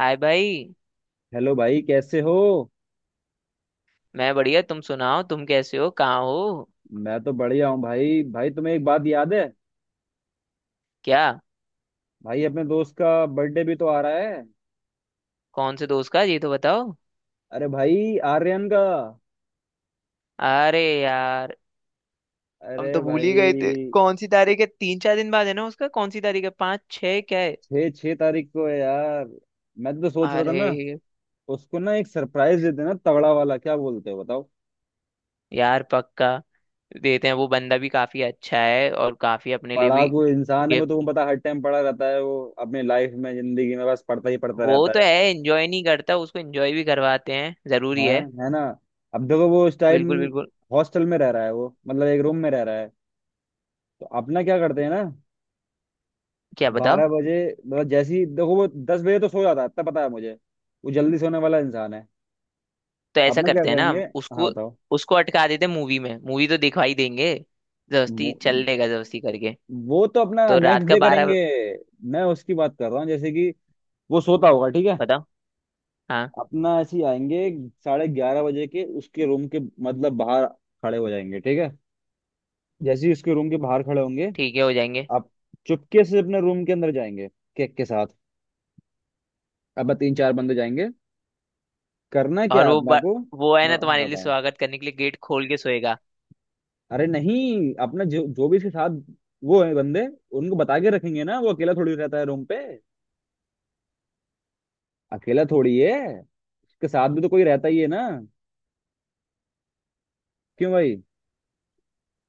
हाय भाई। हेलो भाई, कैसे हो। मैं बढ़िया, तुम सुनाओ, तुम कैसे हो, कहाँ हो? मैं तो बढ़िया हूँ भाई। भाई, तुम्हें एक बात याद है? क्या? भाई, अपने दोस्त का बर्थडे भी तो आ रहा है। कौन से दोस्त का, ये तो बताओ। अरे भाई, आर्यन का। अरे यार, हम अरे तो भूल ही गए थे। भाई, कौन सी तारीख है? 3 4 दिन बाद है ना उसका? कौन सी तारीख है, 5 6, क्या है? छः छः तारीख को है यार। मैं तो सोच रहा था ना, अरे उसको ना एक सरप्राइज देते ना, तगड़ा वाला। क्या बोलते हो बताओ। यार, पक्का देते हैं। वो बंदा भी काफी अच्छा है और काफी अपने लिए भी। पढ़ाकू इंसान है वो, गिफ्ट। तुम्हें पता, हर टाइम पढ़ा रहता है। वो अपनी लाइफ में, जिंदगी में, बस पढ़ता ही पढ़ता वो रहता तो है, है। एंजॉय नहीं करता, उसको एंजॉय भी करवाते हैं, जरूरी है। है। है ना। अब देखो वो उस टाइम बिल्कुल बिल्कुल। हॉस्टल में रह रहा है, वो मतलब एक रूम में रह रहा है। तो अपना क्या करते हैं ना, क्या बताओ? 12 बजे, मतलब जैसे ही देखो वो 10 बजे तो सो जाता है, इतना पता है मुझे। वो जल्दी सोने वाला इंसान है। तो ऐसा अपना क्या करते हैं ना करेंगे, हम हाँ उसको बताओ। उसको अटका देते हैं मूवी में। मूवी तो दिखा ही देंगे। वो जबरदस्ती चल लेगा, जबरदस्ती करके। वो तो अपना तो रात नेक्स्ट का डे 12। करेंगे। मैं उसकी बात कर रहा हूँ, जैसे कि वो सोता होगा ठीक है, बताओ। हाँ। अपना ऐसे ही आएंगे। 11:30 बजे के उसके रूम के, मतलब बाहर खड़े हो जाएंगे, ठीक है। जैसे ही उसके रूम के बाहर खड़े होंगे, ठीक है, हो जाएंगे। आप चुपके से अपने रूम के अंदर जाएंगे केक के साथ। अब तीन चार बंदे जाएंगे, करना क्या और है अपना को। वो है ना, हाँ, तुम्हारे लिए बताओ। स्वागत करने के लिए गेट खोल के सोएगा। अरे नहीं, अपना जो जो भी इसके साथ वो है बंदे, उनको बता के रखेंगे ना। वो अकेला थोड़ी रहता है रूम पे, अकेला थोड़ी है, उसके साथ भी तो कोई रहता ही है ना। क्यों भाई।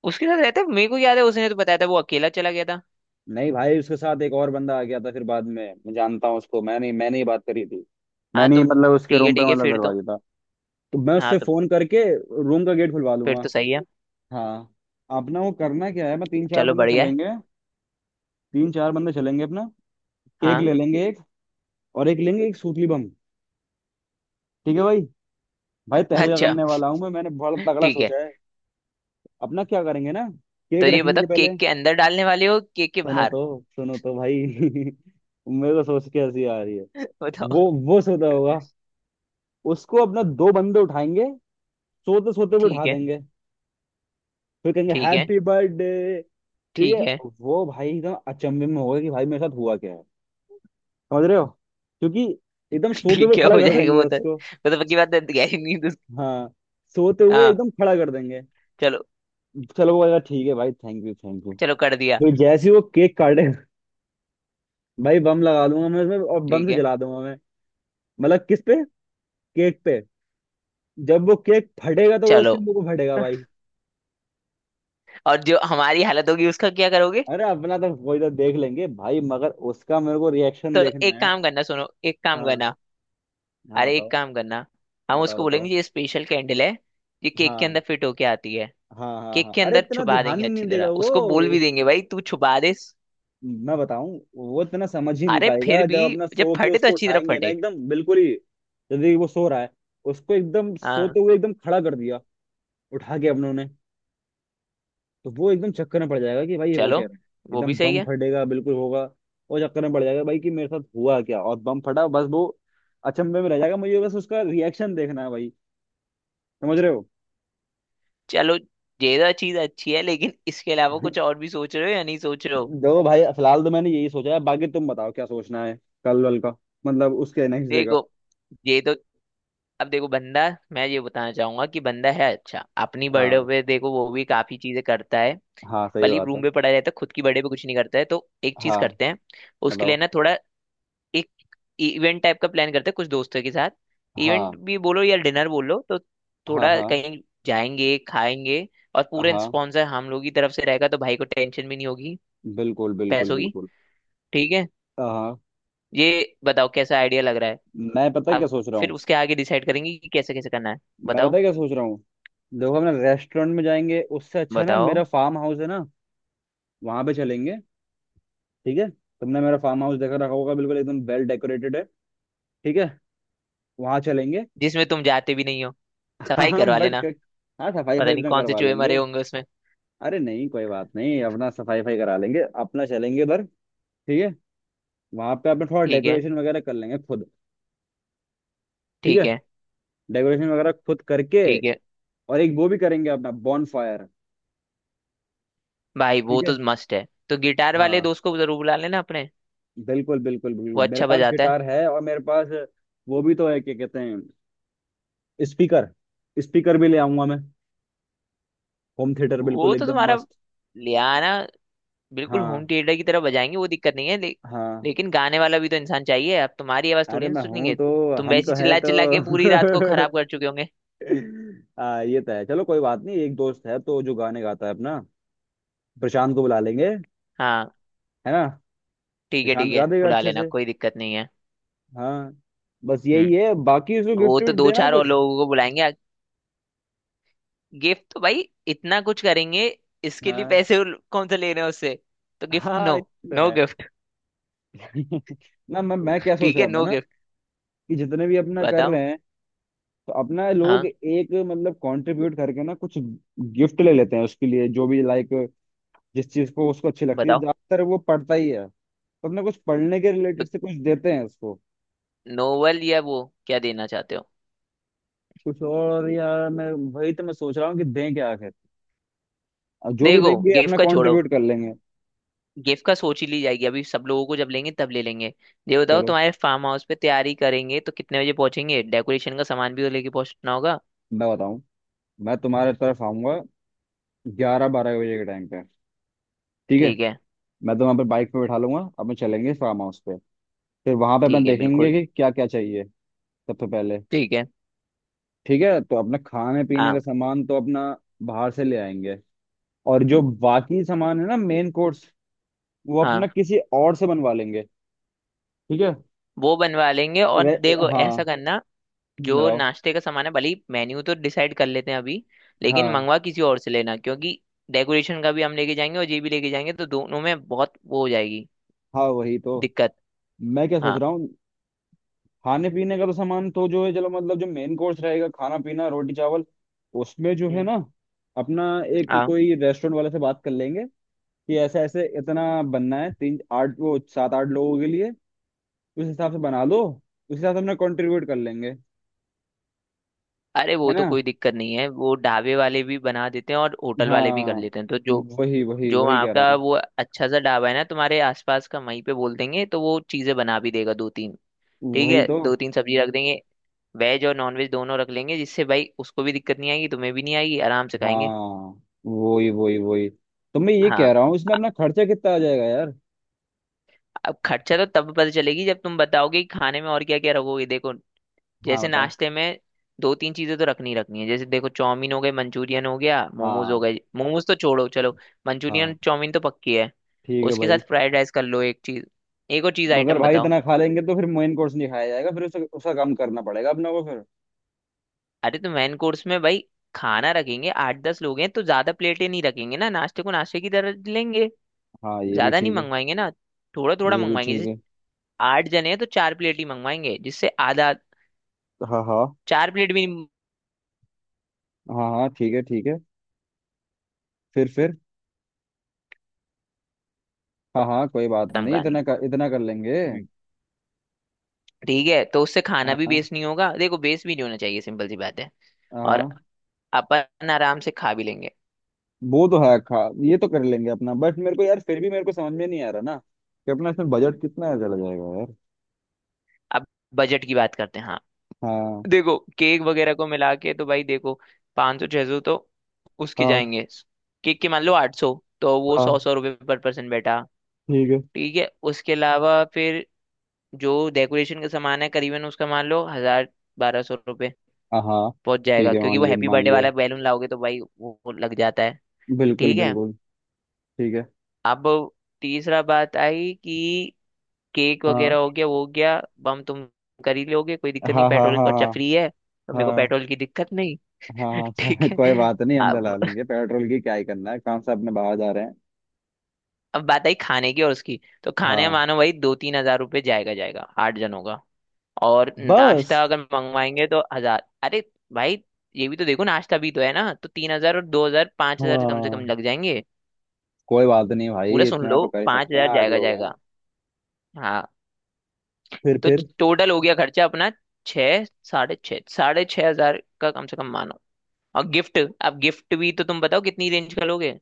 उसके साथ रहता है, मेरे को याद है, उसने तो बताया था, वो अकेला चला गया था। नहीं भाई, उसके साथ एक और बंदा आ गया था फिर बाद में, मैं जानता हूँ उसको। मैंने मैंने ही बात करी थी। हाँ मैंने ही तो मतलब उसके ठीक है रूम ठीक पे, है, मतलब फिर तो। दरवाजे था। तो मैं हाँ उससे तो फोन करके रूम का गेट खुलवा फिर लूंगा। तो सही है। हाँ, अपना वो करना क्या है, मैं तीन चार चलो बंदे बढ़िया है। चलेंगे, तीन चार बंदे चलेंगे अपना। केक हाँ। ले लेंगे एक, और एक लेंगे एक सूतली बम। ठीक है भाई। भाई तहलका अच्छा। करने वाला हूँ मैं, मैंने बहुत तगड़ा ठीक है। सोचा है। अपना क्या करेंगे ना, केक तो ये बताओ, रखेंगे पहले। केक के अंदर डालने वाले हो, केक के सुनो बाहर? तो, सुनो तो भाई, मेरे को सोच के हंसी आ रही है। बताओ। वो वो सोता होगा, उसको अपना दो बंदे उठाएंगे, सोते सोते वो उठा ठीक है देंगे। फिर कहेंगे ठीक है। हैप्पी बर्थडे, ठीक ठीक है। है वो भाई एकदम अचंभे में होगा कि भाई मेरे साथ हुआ क्या है, समझ रहे हो। क्योंकि एकदम सोते हुए ठीक है, खड़ा हो कर जाएगा। देंगे वो तो उसको। वो तो पक्की बात है, गहरी नींद हाँ, सोते हुए हाँ। एकदम खड़ा कर देंगे। चलो। चलो वो कहेगा ठीक है भाई, थैंक यू थैंक यू। चलो, कर दिया। तो जैसे ही वो केक काटे, भाई बम लगा दूंगा मैं उसमें, और बम ठीक से है। जला दूंगा मैं। मतलब किस पे, केक पे। जब वो केक फटेगा तो वो चलो। उसके मुंह को फटेगा भाई। और जो हमारी हालत होगी, उसका क्या करोगे? अरे अपना तो कोई तो देख लेंगे भाई, मगर उसका मेरे को रिएक्शन तो देखना एक है। काम करना, सुनो, एक काम हाँ। करना। हाँ अरे एक बताओ, काम करना। हम बताओ उसको बताओ। बोलेंगे ये स्पेशल कैंडल है, ये केक के हाँ अंदर फिट होके आती है। हाँ हाँ केक हाँ, के अरे अंदर इतना छुपा ध्यान देंगे ही नहीं अच्छी देगा तरह, वो। उसको बोल भी उस- देंगे भाई तू छुपा दे। मैं बताऊं, वो इतना समझ ही नहीं अरे फिर पाएगा भी, जब अपना जब सो के फटे तो उसको अच्छी तरह उठाएंगे ना फटे। एकदम बिल्कुल ही। यदि वो सो रहा है, उसको एकदम हाँ। सोते हुए एकदम खड़ा कर दिया, उठा के अपनों ने, तो वो एकदम चक्कर में पड़ जाएगा कि भाई ये हो चलो, क्या रहा है। वो एकदम भी सही बम है। फटेगा, बिल्कुल होगा। और चक्कर में पड़ जाएगा भाई कि मेरे साथ हुआ क्या, और बम फटा, बस वो अचंभे में रह जाएगा। मुझे बस उसका रिएक्शन देखना है भाई, समझ रहे हो। चलो, ये तो चीज अच्छी है। लेकिन इसके अलावा कुछ और भी सोच रहे हो या नहीं सोच रहे हो? देखो भाई, फिलहाल तो मैंने यही सोचा है, बाकी तुम बताओ क्या सोचना है। कल वल का, मतलब उसके नेक्स्ट डे का। देखो, ये तो, अब देखो बंदा, मैं ये बताना चाहूंगा कि बंदा है अच्छा। अपनी बर्थडे हाँ, पे देखो वो भी काफी चीजें करता है। हाँ सही भले बात है। रूम पे पड़ा रहता है, खुद की बर्थडे पे कुछ नहीं करता है, तो एक चीज हाँ करते हैं। उसके लिए बताओ। ना थोड़ा एक इवेंट टाइप का प्लान करते हैं कुछ दोस्तों के साथ। हाँ इवेंट भी बोलो या डिनर बोलो, तो हाँ थोड़ा हाँ कहीं जाएंगे, खाएंगे। और पूरे हाँ, स्पॉन्सर हम लोग की तरफ से रहेगा, तो भाई को टेंशन भी नहीं होगी बिल्कुल बिल्कुल पैसों की। बिल्कुल। ठीक है, हाँ, ये बताओ कैसा आइडिया लग रहा है? मैं पता है क्या अब सोच रहा फिर हूँ। उसके आगे डिसाइड करेंगे कि कैसे कैसे करना है। मैं पता बताओ है क्या सोच रहा हूँ। देखो, अपना रेस्टोरेंट में जाएंगे उससे अच्छा है ना, बताओ। मेरा फार्म हाउस है ना, वहां पे चलेंगे। ठीक है, तुमने मेरा फार्म हाउस देखा रखा होगा, बिल्कुल एकदम वेल डेकोरेटेड है। ठीक है, वहां चलेंगे। जिसमें तुम जाते भी नहीं हो। सफाई हाँ करवा लेना, बट, हाँ सफाई पता फाई नहीं अपना कौन से करवा चूहे मरे लेंगे। होंगे उसमें। अरे नहीं कोई बात नहीं, अपना सफाई फाई करा लेंगे। अपना चलेंगे उधर, ठीक है। वहां पे अपना थोड़ा ठीक है डेकोरेशन वगैरह कर लेंगे खुद। ठीक है, ठीक है। डेकोरेशन वगैरह खुद करके, ठीक है और एक वो भी करेंगे अपना बॉन फायर। भाई, वो ठीक तो है। मस्त है, तो गिटार वाले हाँ, दोस्त को जरूर बुला लेना अपने। बिल्कुल बिल्कुल वो बिल्कुल। मेरे अच्छा पास बजाता है। गिटार है और मेरे पास वो भी तो है, क्या कहते हैं, स्पीकर। स्पीकर भी ले आऊंगा मैं, होम थिएटर, वो बिल्कुल तो एकदम तुम्हारा, मस्त। ले आना। बिल्कुल होम हाँ। थिएटर की तरह बजाएंगे, वो दिक्कत नहीं है हाँ, लेकिन गाने वाला भी तो इंसान चाहिए। अब तुम्हारी आवाज अरे थोड़ी ना मैं हूं सुनेंगे, तो। तुम हम वैसी तो है चिल्ला चिल्ला के पूरी रात को तो। खराब कर चुके होंगे। आ, ये तो है, चलो कोई बात नहीं। एक दोस्त है तो जो गाने गाता है अपना, प्रशांत को बुला लेंगे। है हाँ, ना। ठीक है प्रशांत ठीक गा है, देगा बुला अच्छे लेना, से। कोई दिक्कत नहीं है। हाँ, बस हम्म, यही है, बाकी उसको वो गिफ्ट तो विफ्ट दो देना चार और कुछ। लोगों को बुलाएंगे। गिफ्ट तो भाई इतना कुछ करेंगे, इसके लिए हाँ, पैसे कौन से ले रहे हैं उससे? तो गिफ्ट, हाँ ये नो। तो नो है। गिफ्ट। ना, मैं क्या सोच ठीक रहा है, था नो ना, गिफ्ट। कि जितने भी अपना कर बताओ। रहे हैं तो अपना लोग हाँ एक, मतलब कंट्रीब्यूट करके ना कुछ गिफ्ट ले लेते हैं उसके लिए, जो भी लाइक जिस चीज को उसको अच्छी लगती है। बताओ। ज्यादातर वो पढ़ता ही है, तो अपना कुछ पढ़ने के तो रिलेटेड से कुछ देते हैं उसको। नोवेल, या वो क्या देना चाहते हो? कुछ और यार, मैं वही तो मैं सोच रहा हूँ कि दें क्या आखिर। अब जो भी देखो देंगे गिफ्ट अपना का छोड़ो, कंट्रीब्यूट कर लेंगे। गिफ्ट का सोच ही ली जाएगी अभी। सब लोगों को जब लेंगे तब ले लेंगे। ये बताओ, चलो, तुम्हारे फार्म हाउस पे तैयारी करेंगे तो कितने बजे पहुंचेंगे? डेकोरेशन का सामान भी तो लेके पहुंचना होगा। मैं बताऊँ, मैं तुम्हारे तरफ आऊंगा 11-12 बजे के टाइम पे, ठीक है। ठीक है मैं तो वहाँ पे बाइक पे बैठा लूंगा, अपन चलेंगे फार्म हाउस पे। फिर वहां पे अपन ठीक है देखेंगे बिल्कुल। कि क्या क्या चाहिए सबसे पहले। ठीक है। ठीक है, तो अपना खाने पीने हाँ का सामान तो अपना बाहर से ले आएंगे। और जो बाकी सामान है ना, मेन कोर्स, वो अपना हाँ। किसी और से बनवा लेंगे, ठीक है। वो बनवा लेंगे और वे, देखो, ऐसा हाँ करना। जो बताओ। नाश्ते का सामान है, भले ही मेन्यू तो डिसाइड कर लेते हैं अभी, लेकिन हाँ मंगवा किसी और से लेना, क्योंकि डेकोरेशन का भी हम लेके जाएंगे और ये भी लेके जाएंगे, तो दोनों में बहुत वो हो जाएगी, हाँ, वही तो, दिक्कत। मैं क्या सोच हाँ। रहा हूँ, खाने पीने का तो सामान तो जो है चलो, मतलब जो मेन कोर्स रहेगा, खाना पीना रोटी चावल, उसमें जो है हम्म, ना, अपना एक हाँ। कोई रेस्टोरेंट वाले से बात कर लेंगे कि ऐसे ऐसे इतना बनना है, तीन आठ वो सात आठ लोगों के लिए, उस हिसाब से बना लो। उस हिसाब से अपना कंट्रीब्यूट कर लेंगे, अरे है वो तो ना। कोई दिक्कत नहीं है, वो ढाबे वाले भी बना देते हैं और होटल वाले भी कर हाँ, लेते हैं, तो जो, वही वही जो वही वहाँ कह रहा का हूँ। वो अच्छा सा ढाबा है ना तुम्हारे आसपास का, वहीं पे बोल देंगे तो वो चीज़ें बना भी देगा। दो तीन, ठीक वही है, तो। दो तीन सब्जी रख देंगे। वेज और नॉन वेज दोनों रख लेंगे, जिससे भाई उसको भी दिक्कत नहीं आएगी, तुम्हें भी नहीं आएगी, आराम से खाएंगे। हाँ वही वही वही, तो मैं ये कह हाँ। रहा हूँ, इसमें अपना खर्चा कितना आ जाएगा यार। अब खर्चा तो तब पता चलेगी जब तुम बताओगे कि खाने में और क्या क्या रखोगे। देखो हाँ जैसे बताओ। नाश्ते में दो तीन चीजें तो रखनी ही रखनी है। जैसे देखो, चाउमीन हो गए, मंचूरियन हो गया, मोमोज हो हाँ गए। मोमोज तो छोड़ो चलो, मंचूरियन हाँ चाउमीन तो पक्की है। ठीक है उसके भाई। साथ फ्राइड राइस कर लो, एक चीज। एक और चीज मगर आइटम भाई बताओ। इतना खा लेंगे तो फिर मेन कोर्स नहीं खाया जाएगा, फिर उसका उसका कम करना पड़ेगा अपने को फिर। अरे तो मेन कोर्स में भाई खाना रखेंगे, 8 10 लोग हैं तो ज्यादा प्लेटें नहीं रखेंगे ना, नाश्ते को नाश्ते की तरह लेंगे, हाँ ये भी ज्यादा नहीं ठीक है। मंगवाएंगे ना। थोड़ा थोड़ा ये भी मंगवाएंगे, ठीक जैसे है। आठ जने हैं तो चार प्लेट ही मंगवाएंगे, जिससे आधा, हाँ हाँ चार प्लेट भी नहीं। हाँ हाँ ठीक है ठीक है। फिर, हाँ हाँ कोई बात खत्म नहीं, कहानी। इतना कर लेंगे। हम्म, ठीक है, तो उससे खाना भी हाँ वेस्ट नहीं होगा। देखो वेस्ट भी नहीं होना चाहिए, सिंपल सी बात है। हाँ और हाँ। अपन आराम से खा भी लेंगे। वो तो है, खा, ये तो कर लेंगे अपना, बट मेरे को यार फिर भी मेरे को समझ में नहीं आ रहा ना कि अपना इसमें बजट कितना चला जाएगा यार। अब बजट की बात करते हैं। हाँ हाँ देखो, केक वगैरह को मिला के तो भाई देखो, 500 600 तो उसके हाँ जाएंगे। केक के मान लो 800। तो वो सौ हाँ सौ रुपये पर पर्सन बैठा। ठीक है। ठीक है, उसके अलावा फिर जो डेकोरेशन का सामान है, करीबन उसका मान लो 1000 1200 रुपये हाँ हाँ, पहुंच ठीक जाएगा, है, मान क्योंकि वो लिया हैप्पी मान बर्थडे लिया, वाला बैलून लाओगे तो भाई वो लग जाता है। बिल्कुल ठीक है। बिल्कुल। ठीक है। अब तीसरा बात आई कि केक वगैरह हाँ हो गया, वो हो गया, बम तुम कर ही लोगे, कोई दिक्कत नहीं, हाँ हाँ पेट्रोल हाँ। का खर्चा हाँ फ्री है, तो मेरे को हाँ पेट्रोल की दिक्कत नहीं। हाँ। हाँ, ठीक चल, कोई है। बात नहीं, हम डला अब लेंगे पेट्रोल, की क्या ही करना है, काम से अपने बाहर जा रहे हैं। अब बात आई खाने की, और उसकी तो खाने हाँ मानो भाई 2 3 हजार रुपये जाएगा जाएगा आठ जनों का। और बस। नाश्ता अगर मंगवाएंगे तो 1 हजार, अरे भाई ये भी तो देखो, नाश्ता भी तो है ना, तो 3 हजार और 2 हजार, 5 हजार कम से कम हाँ, लग जाएंगे। कोई बात नहीं पूरा भाई, सुन इतना लो, तो कर ही पांच सकते हैं, हजार आठ जाएगा लोग हैं। जाएगा। हाँ। फिर तो फिर टोटल हो गया खर्चा अपना, छः साढ़े छः हजार का कम से कम मानो। और गिफ्ट, अब गिफ्ट भी तो तुम बताओ कितनी रेंज का लोगे?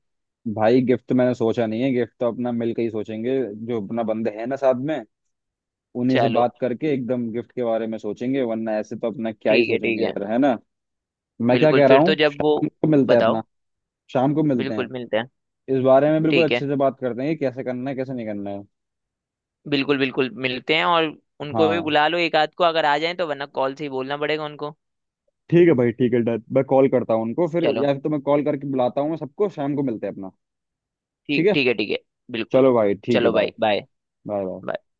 भाई गिफ्ट तो मैंने सोचा नहीं है, गिफ्ट तो अपना मिल के ही सोचेंगे। जो अपना बंदे हैं ना साथ में, उन्हीं से चलो बात करके एकदम गिफ्ट के बारे में सोचेंगे, वरना ऐसे तो अपना क्या ही ठीक है ठीक सोचेंगे है। यार, है ना। मैं क्या बिल्कुल कह रहा फिर तो, हूँ, जब वो, शाम को मिलते हैं बताओ। अपना। शाम को मिलते बिल्कुल हैं, मिलते हैं। इस बारे में बिल्कुल ठीक है अच्छे से बात करते हैं कि कैसे करना है कैसे नहीं करना है। बिल्कुल बिल्कुल, मिलते हैं। और उनको भी हाँ बुला लो एक आध को, अगर आ जाए तो, वरना कॉल से ही बोलना पड़ेगा उनको। ठीक है भाई, ठीक है डन। मैं कॉल करता हूँ उनको फिर, चलो, या फिर तो मैं कॉल करके बुलाता हूँ सबको, शाम को मिलते हैं अपना। ठीक ठीक है। ठीक है ठीक है। बिल्कुल। चलो भाई ठीक है, चलो बाय। भाई, बाय। Bye bye. बाय।